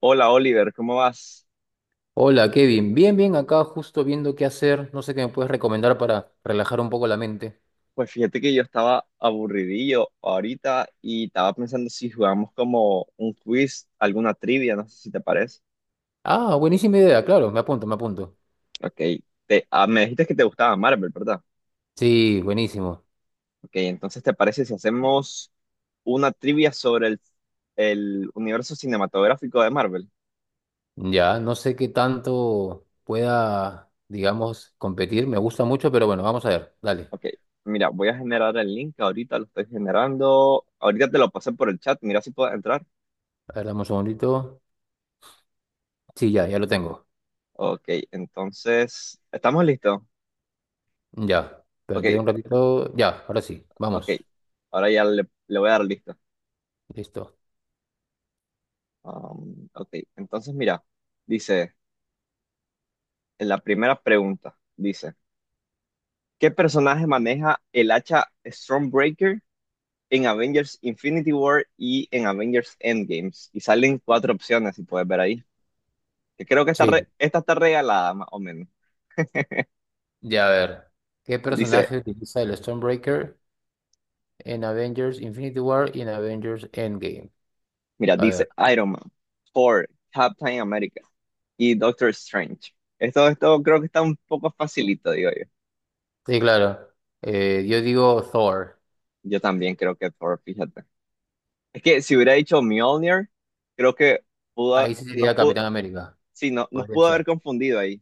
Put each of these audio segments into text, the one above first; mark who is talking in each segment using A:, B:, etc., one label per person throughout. A: Hola Oliver, ¿cómo vas?
B: Hola Kevin, bien, bien, acá justo viendo qué hacer, no sé qué me puedes recomendar para relajar un poco la mente.
A: Pues fíjate que yo estaba aburridillo ahorita y estaba pensando si jugamos como un quiz, alguna trivia, no sé si te parece.
B: Ah, buenísima idea, claro, me apunto, me apunto.
A: Ok, me dijiste que te gustaba Marvel, ¿verdad?
B: Sí, buenísimo.
A: Ok, entonces ¿te parece si hacemos una trivia sobre el universo cinematográfico de Marvel?
B: Ya, no sé qué tanto pueda, digamos, competir, me gusta mucho, pero bueno, vamos a ver, dale.
A: Ok, mira, voy a generar el link, ahorita lo estoy generando, ahorita te lo pasé por el chat, mira si puedes entrar.
B: A ver, dame un segundito. Sí, ya, ya lo tengo.
A: Ok, entonces, ¿estamos listos?
B: Ya,
A: Ok.
B: espérate un ratito. Ya, ahora sí,
A: Ok,
B: vamos.
A: ahora ya le voy a dar listo.
B: Listo.
A: Ok, entonces mira, dice, en la primera pregunta, dice, ¿qué personaje maneja el hacha Stormbreaker en Avengers Infinity War y en Avengers Endgames? Y salen cuatro opciones, si puedes ver ahí. Que creo que esta
B: Sí,
A: re- esta está regalada, más o menos.
B: ya a ver. ¿Qué
A: Dice,
B: personaje utiliza el Stormbreaker en Avengers Infinity War y en Avengers Endgame?
A: mira,
B: A ver.
A: dice Iron Man, Thor, Captain America y Doctor Strange. Esto creo que está un poco facilito, digo yo.
B: Sí, claro. Yo digo Thor.
A: Yo también creo que Thor, fíjate. Es que si hubiera dicho Mjolnir, creo que pudo, ha-
B: Ahí sí
A: nos
B: sería
A: pudo,
B: Capitán América.
A: sí, no, nos
B: Podría
A: pudo haber
B: ser.
A: confundido ahí.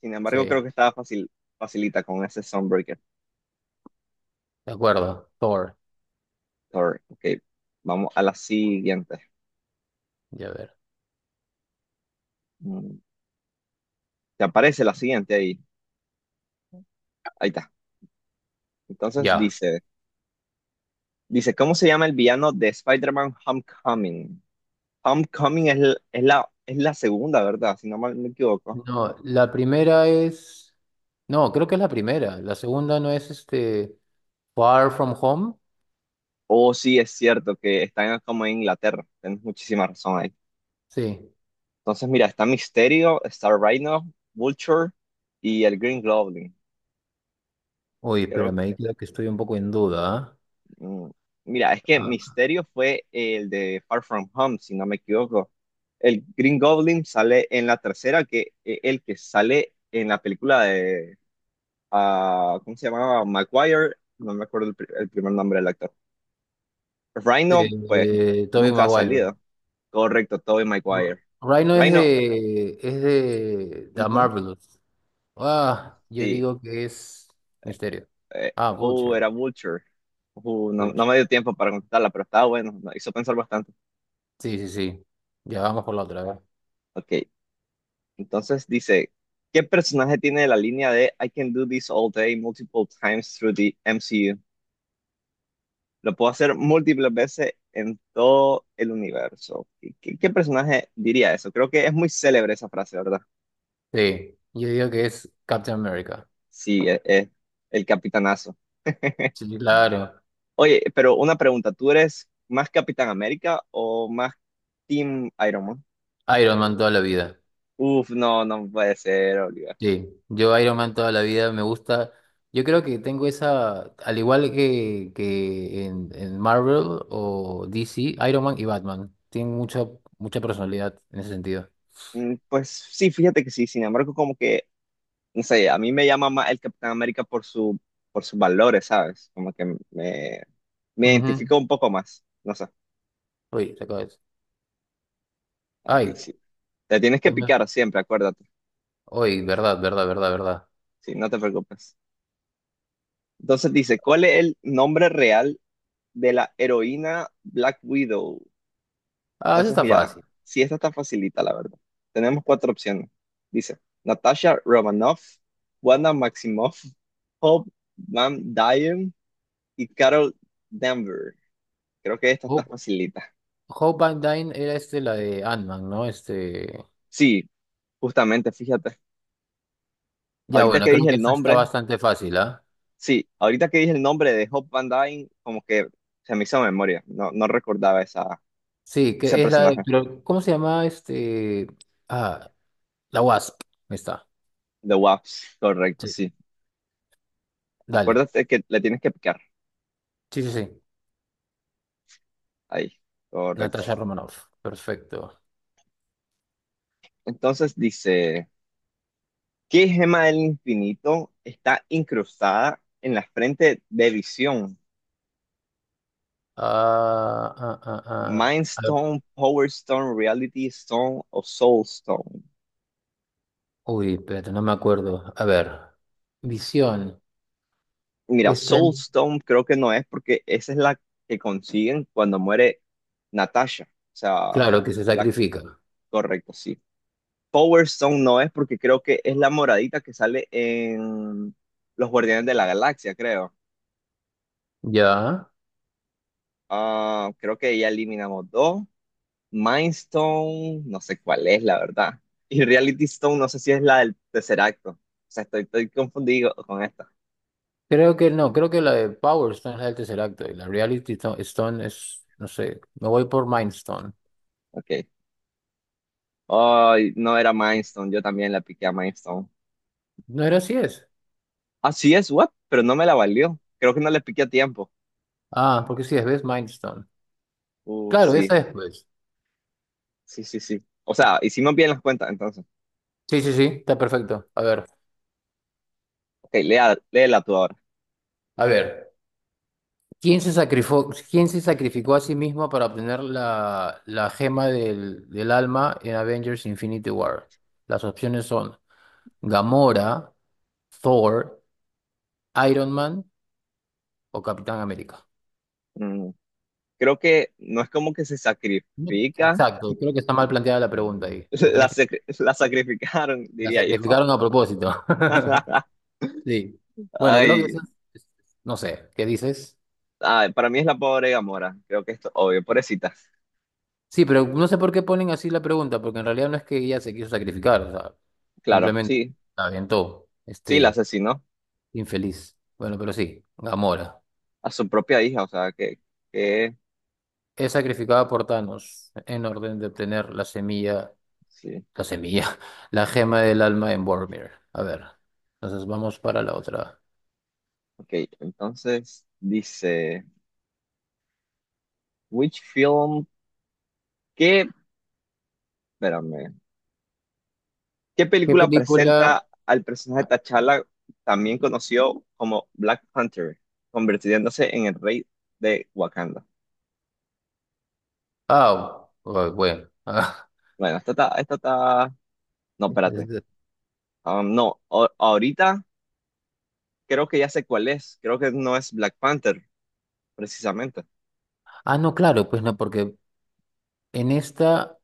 A: Sin
B: Sí,
A: embargo, creo
B: de
A: que estaba fácil, facilita con ese Sunbreaker.
B: acuerdo. Thor.
A: Thor. Ok, vamos a la siguiente.
B: Ya ver.
A: Mm, Te aparece la siguiente ahí. Ahí está. Entonces
B: Ya.
A: dice, ¿cómo se llama el villano de Spider-Man Homecoming? Homecoming es la segunda, ¿verdad? Si no mal me equivoco.
B: No, la primera es. No, creo que es la primera. La segunda no es este. Far From Home.
A: Oh, sí, es cierto que están como en Inglaterra. Tienes muchísima razón ahí.
B: Sí.
A: Entonces, mira, está Misterio, está Rhino, Vulture y el Green Goblin.
B: Uy,
A: Creo,
B: espérame, ahí creo que estoy un poco en duda. ¿Ah?
A: mm, mira, es que
B: Ah,
A: Misterio fue el de Far From Home, si no me equivoco. El Green Goblin sale en la tercera, que el que sale en la película de, ah, ¿cómo se llamaba? Maguire, no me acuerdo el primer nombre del actor. Rhino, pues,
B: Tobey
A: nunca ha
B: Maguire.
A: salido. Correcto, Tobey Maguire.
B: Rhino es
A: Rhino,
B: de. Es de. The
A: ujú,
B: Marvelous. Ah, yo
A: sí.
B: digo que es. Misterio.
A: eh,
B: Ah,
A: uh,
B: Vulture.
A: era Vulture. No, no me dio tiempo para contestarla, pero estaba bueno, me hizo pensar bastante.
B: Sí, sí, sí. Ya vamos por la otra, a ver.
A: Ok, entonces dice, ¿qué personaje tiene la línea de I can do this all day multiple times through the MCU? Lo puedo hacer múltiples veces en todo el universo. ¿Qué personaje diría eso? Creo que es muy célebre esa frase, ¿verdad?
B: Sí, yo digo que es Captain America.
A: Sí, es el capitanazo.
B: Sí, claro.
A: Oye, pero una pregunta, ¿tú eres más Capitán América o más Team Iron Man?
B: Iron Man toda la vida.
A: Uf, no, no puede ser, Oliver.
B: Sí, yo Iron Man toda la vida me gusta. Yo creo que tengo esa, al igual que, que en Marvel o DC, Iron Man y Batman. Tienen mucha, mucha personalidad en ese sentido.
A: Pues sí, fíjate que sí, sin embargo, como que, no sé, a mí me llama más el Capitán América por sus valores, ¿sabes? Como que me, me
B: Ujú.
A: identifico un poco más, no sé.
B: Uy, se acaba eso.
A: Ok,
B: Ay,
A: sí. Te tienes que
B: hoy, no-
A: picar siempre, acuérdate,
B: hoy, verdad, verdad, verdad, verdad.
A: sí, no te preocupes. Entonces dice, ¿cuál es el nombre real de la heroína Black Widow?
B: Ah, eso
A: Entonces,
B: está
A: mira,
B: fácil.
A: sí, esta está facilita, la verdad. Tenemos cuatro opciones. Dice, Natasha Romanoff, Wanda Maximoff, Hope Van Dyne y Carol Danvers. Creo que esta está
B: Hope,
A: facilita.
B: Hope Van Dyne era este, la de Ant-Man, ¿no? Este.
A: Sí, justamente, fíjate.
B: Ya,
A: Ahorita que
B: bueno, creo
A: dije
B: que
A: el
B: esa está
A: nombre,
B: bastante fácil, ¿ah?
A: sí, ahorita que dije el nombre de Hope Van Dyne, como que se me hizo memoria. No, no recordaba esa,
B: Sí,
A: ese
B: que es la de,
A: personaje
B: pero, ¿cómo se llama este? Ah, la Wasp. Ahí está.
A: de Waps. Correcto,
B: Sí.
A: sí.
B: Dale.
A: Acuérdate que le tienes que picar.
B: Sí, sí, sí.
A: Ahí, correcto.
B: Natasha Romanoff. Perfecto.
A: Entonces dice, ¿qué gema del infinito está incrustada en la frente de Visión?
B: Ah, ah, ah, ah.
A: Mind
B: A ver.
A: Stone, Power Stone, Reality Stone o Soul Stone.
B: Uy, espérate, no me acuerdo. A ver. Visión.
A: Mira,
B: Esta es,
A: Soulstone creo que no es porque esa es la que consiguen cuando muere Natasha. O sea,
B: claro, que se
A: la-
B: sacrifica.
A: correcto, sí. Power Stone no es porque creo que es la moradita que sale en Los Guardianes de la Galaxia, creo.
B: Ya.
A: Ah, creo que ya eliminamos dos. Mind Stone, no sé cuál es, la verdad. Y Reality Stone, no sé si es la del tercer acto. O sea, estoy confundido con esta.
B: Creo que no, creo que la de Power Stone es la del Tesseract y la Reality Stone es, no sé, me voy por Mind Stone.
A: Ok. Ay, no era Mind Stone, yo también la piqué a Mind Stone.
B: ¿No era así es?
A: Así es, what? Pero no me la valió. Creo que no le piqué a tiempo.
B: Ah, porque sí es Best Milestone.
A: Uh,
B: Claro,
A: sí,
B: esa es pues.
A: sí, sí, sí. O sea, hicimos bien las cuentas, entonces.
B: Sí, sí, sí, está perfecto.
A: Ok, léela tú ahora.
B: A ver. Quién se sacrificó a sí mismo para obtener la gema del alma en Avengers Infinity War? Las opciones son Gamora, Thor, Iron Man o Capitán América.
A: Mm, creo que no es como que se
B: No,
A: sacrifica.
B: exacto, creo que está mal planteada la pregunta ahí, porque no
A: La,
B: es que
A: sacri- la sacrificaron,
B: la
A: diría yo.
B: sacrificaron a propósito. Sí. Bueno, creo que
A: Ay,
B: eso es- no sé, ¿qué dices?
A: ay, para mí es la pobre Gamora. Creo que esto, obvio, pobrecita.
B: Sí, pero no sé por qué ponen así la pregunta, porque en realidad no es que ella se quiso sacrificar, o sea,
A: Claro,
B: simplemente
A: sí,
B: la aventó,
A: sí, la
B: este
A: asesinó
B: infeliz. Bueno, pero sí, Gamora
A: a su propia hija. O sea, que,
B: es sacrificada por Thanos en orden de obtener la semilla,
A: sí.
B: la semilla, la gema del alma en Vormir. A ver, entonces vamos para la otra.
A: Ok, entonces dice, which film? ¿Qué Espérame. ¿Qué
B: ¿Qué
A: película
B: película?
A: presenta al personaje de T'Challa, también conocido como Black Panther, convirtiéndose en el rey de Wakanda?
B: Ah, oh, bueno.
A: Bueno, No, espérate. No, ahorita creo que ya sé cuál es. Creo que no es Black Panther, precisamente.
B: Ah, no, claro, pues no, porque en esta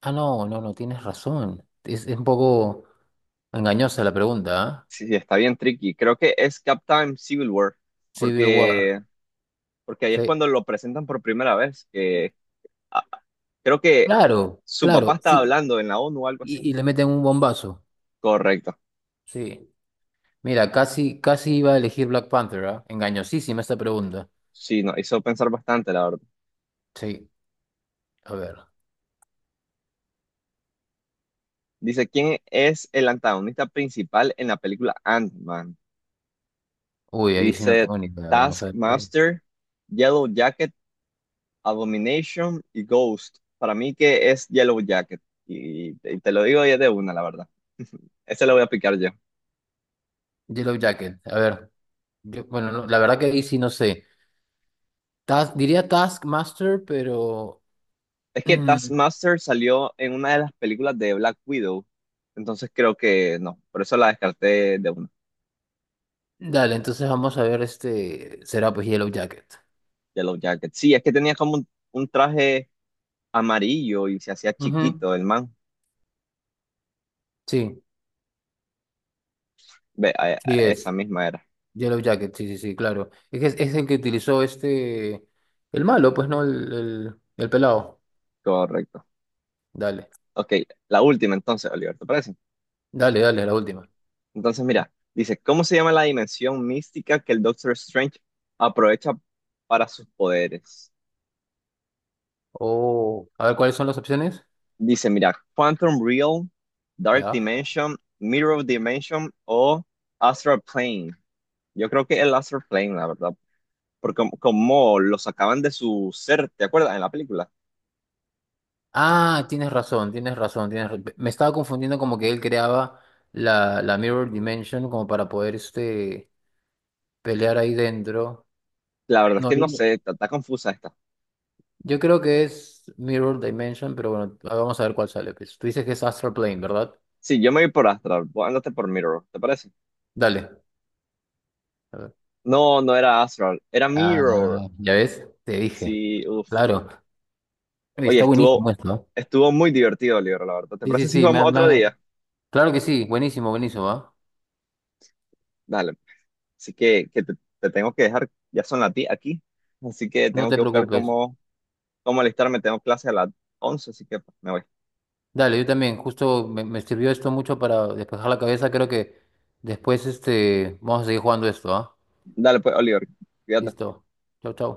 B: Ah, no, no, no, tienes razón. Es un poco engañosa la pregunta, ¿ah?
A: Sí, sí, está bien tricky. Creo que es Captain Civil War,
B: Civil War.
A: porque, porque ahí es
B: Sí.
A: cuando lo presentan por primera vez. Ah, Creo que
B: Claro,
A: su papá
B: claro,
A: estaba
B: sí.
A: hablando en la ONU o algo así.
B: Y le meten un bombazo.
A: Correcto.
B: Sí. Mira, casi, casi iba a elegir Black Panther, ¿ah? Engañosísima esta pregunta.
A: Sí, nos hizo pensar bastante, la verdad.
B: Sí. A ver.
A: Dice, ¿quién es el antagonista principal en la película Ant-Man?
B: Uy,
A: Y
B: ahí sí no
A: dice,
B: tengo ni idea. Vamos a ver qué hay.
A: Taskmaster, Yellow Jacket, Abomination y Ghost. Para mí que es Yellow Jacket. Y te lo digo ya de una, la verdad. Ese lo voy a picar yo.
B: Yellow Jacket. A ver. Bueno, no, la verdad que ahí sí no sé. Diría Taskmaster, pero.
A: Es que
B: Mm,
A: Taskmaster salió en una de las películas de Black Widow. Entonces creo que no. Por eso la descarté de una.
B: dale, entonces vamos a ver este. Será pues Yellow Jacket.
A: Yellow Jacket. Sí, es que tenía como un traje amarillo y se hacía
B: Ujú,
A: chiquito el man.
B: sí.
A: Ve,
B: Sí
A: esa
B: es,
A: misma era.
B: Yellow Jacket, sí, sí, sí, claro. Es, que es el que utilizó este, el malo, pues, ¿no? El pelado.
A: Correcto.
B: Dale,
A: Ok, la última entonces, Oliver, ¿te parece?
B: dale, dale, la última.
A: Entonces, mira, dice, ¿cómo se llama la dimensión mística que el Doctor Strange aprovecha para sus poderes?
B: Oh, a ver, ¿cuáles son las opciones?
A: Dice, mira, Quantum Realm, Dark
B: Ya.
A: Dimension, Mirror Dimension o Astral Plane. Yo creo que el Astral Plane, la verdad, porque como lo sacaban de su ser, ¿te acuerdas? En la película.
B: Ah, tienes razón, me estaba confundiendo como que él creaba la, la Mirror Dimension como para poder, este, pelear ahí dentro.
A: La verdad es
B: No,
A: que
B: yo
A: no sé,
B: creo
A: está confusa esta.
B: yo creo que es Mirror Dimension, pero bueno, vamos a ver cuál sale, pues. Tú dices que es Astral Plane, ¿verdad?
A: Sí, yo me voy por Astral, vos andate por Mirror, ¿te parece?
B: Dale. A ver.
A: No, no era Astral, era Mirror.
B: Ah, ya ves, te dije,
A: Sí, uff.
B: claro. Oye,
A: Oye,
B: está
A: estuvo,
B: buenísimo esto, ¿eh?
A: estuvo muy divertido el libro, la verdad. ¿Te
B: Sí, sí,
A: parece si
B: sí,
A: vamos otro día?
B: claro que sí, buenísimo, buenísimo, ¿ah?
A: Dale. Así que te tengo que dejar, ya son las 10 aquí, así que
B: No
A: tengo
B: te
A: que buscar
B: preocupes.
A: cómo alistarme. Tengo clase a las 11, así que pues, me voy.
B: Dale, yo también, justo me sirvió esto mucho para despejar la cabeza, creo que después este, vamos a seguir jugando esto, ¿ah?
A: Dale pues, Oliver, cuídate.
B: Listo. Chau, chau.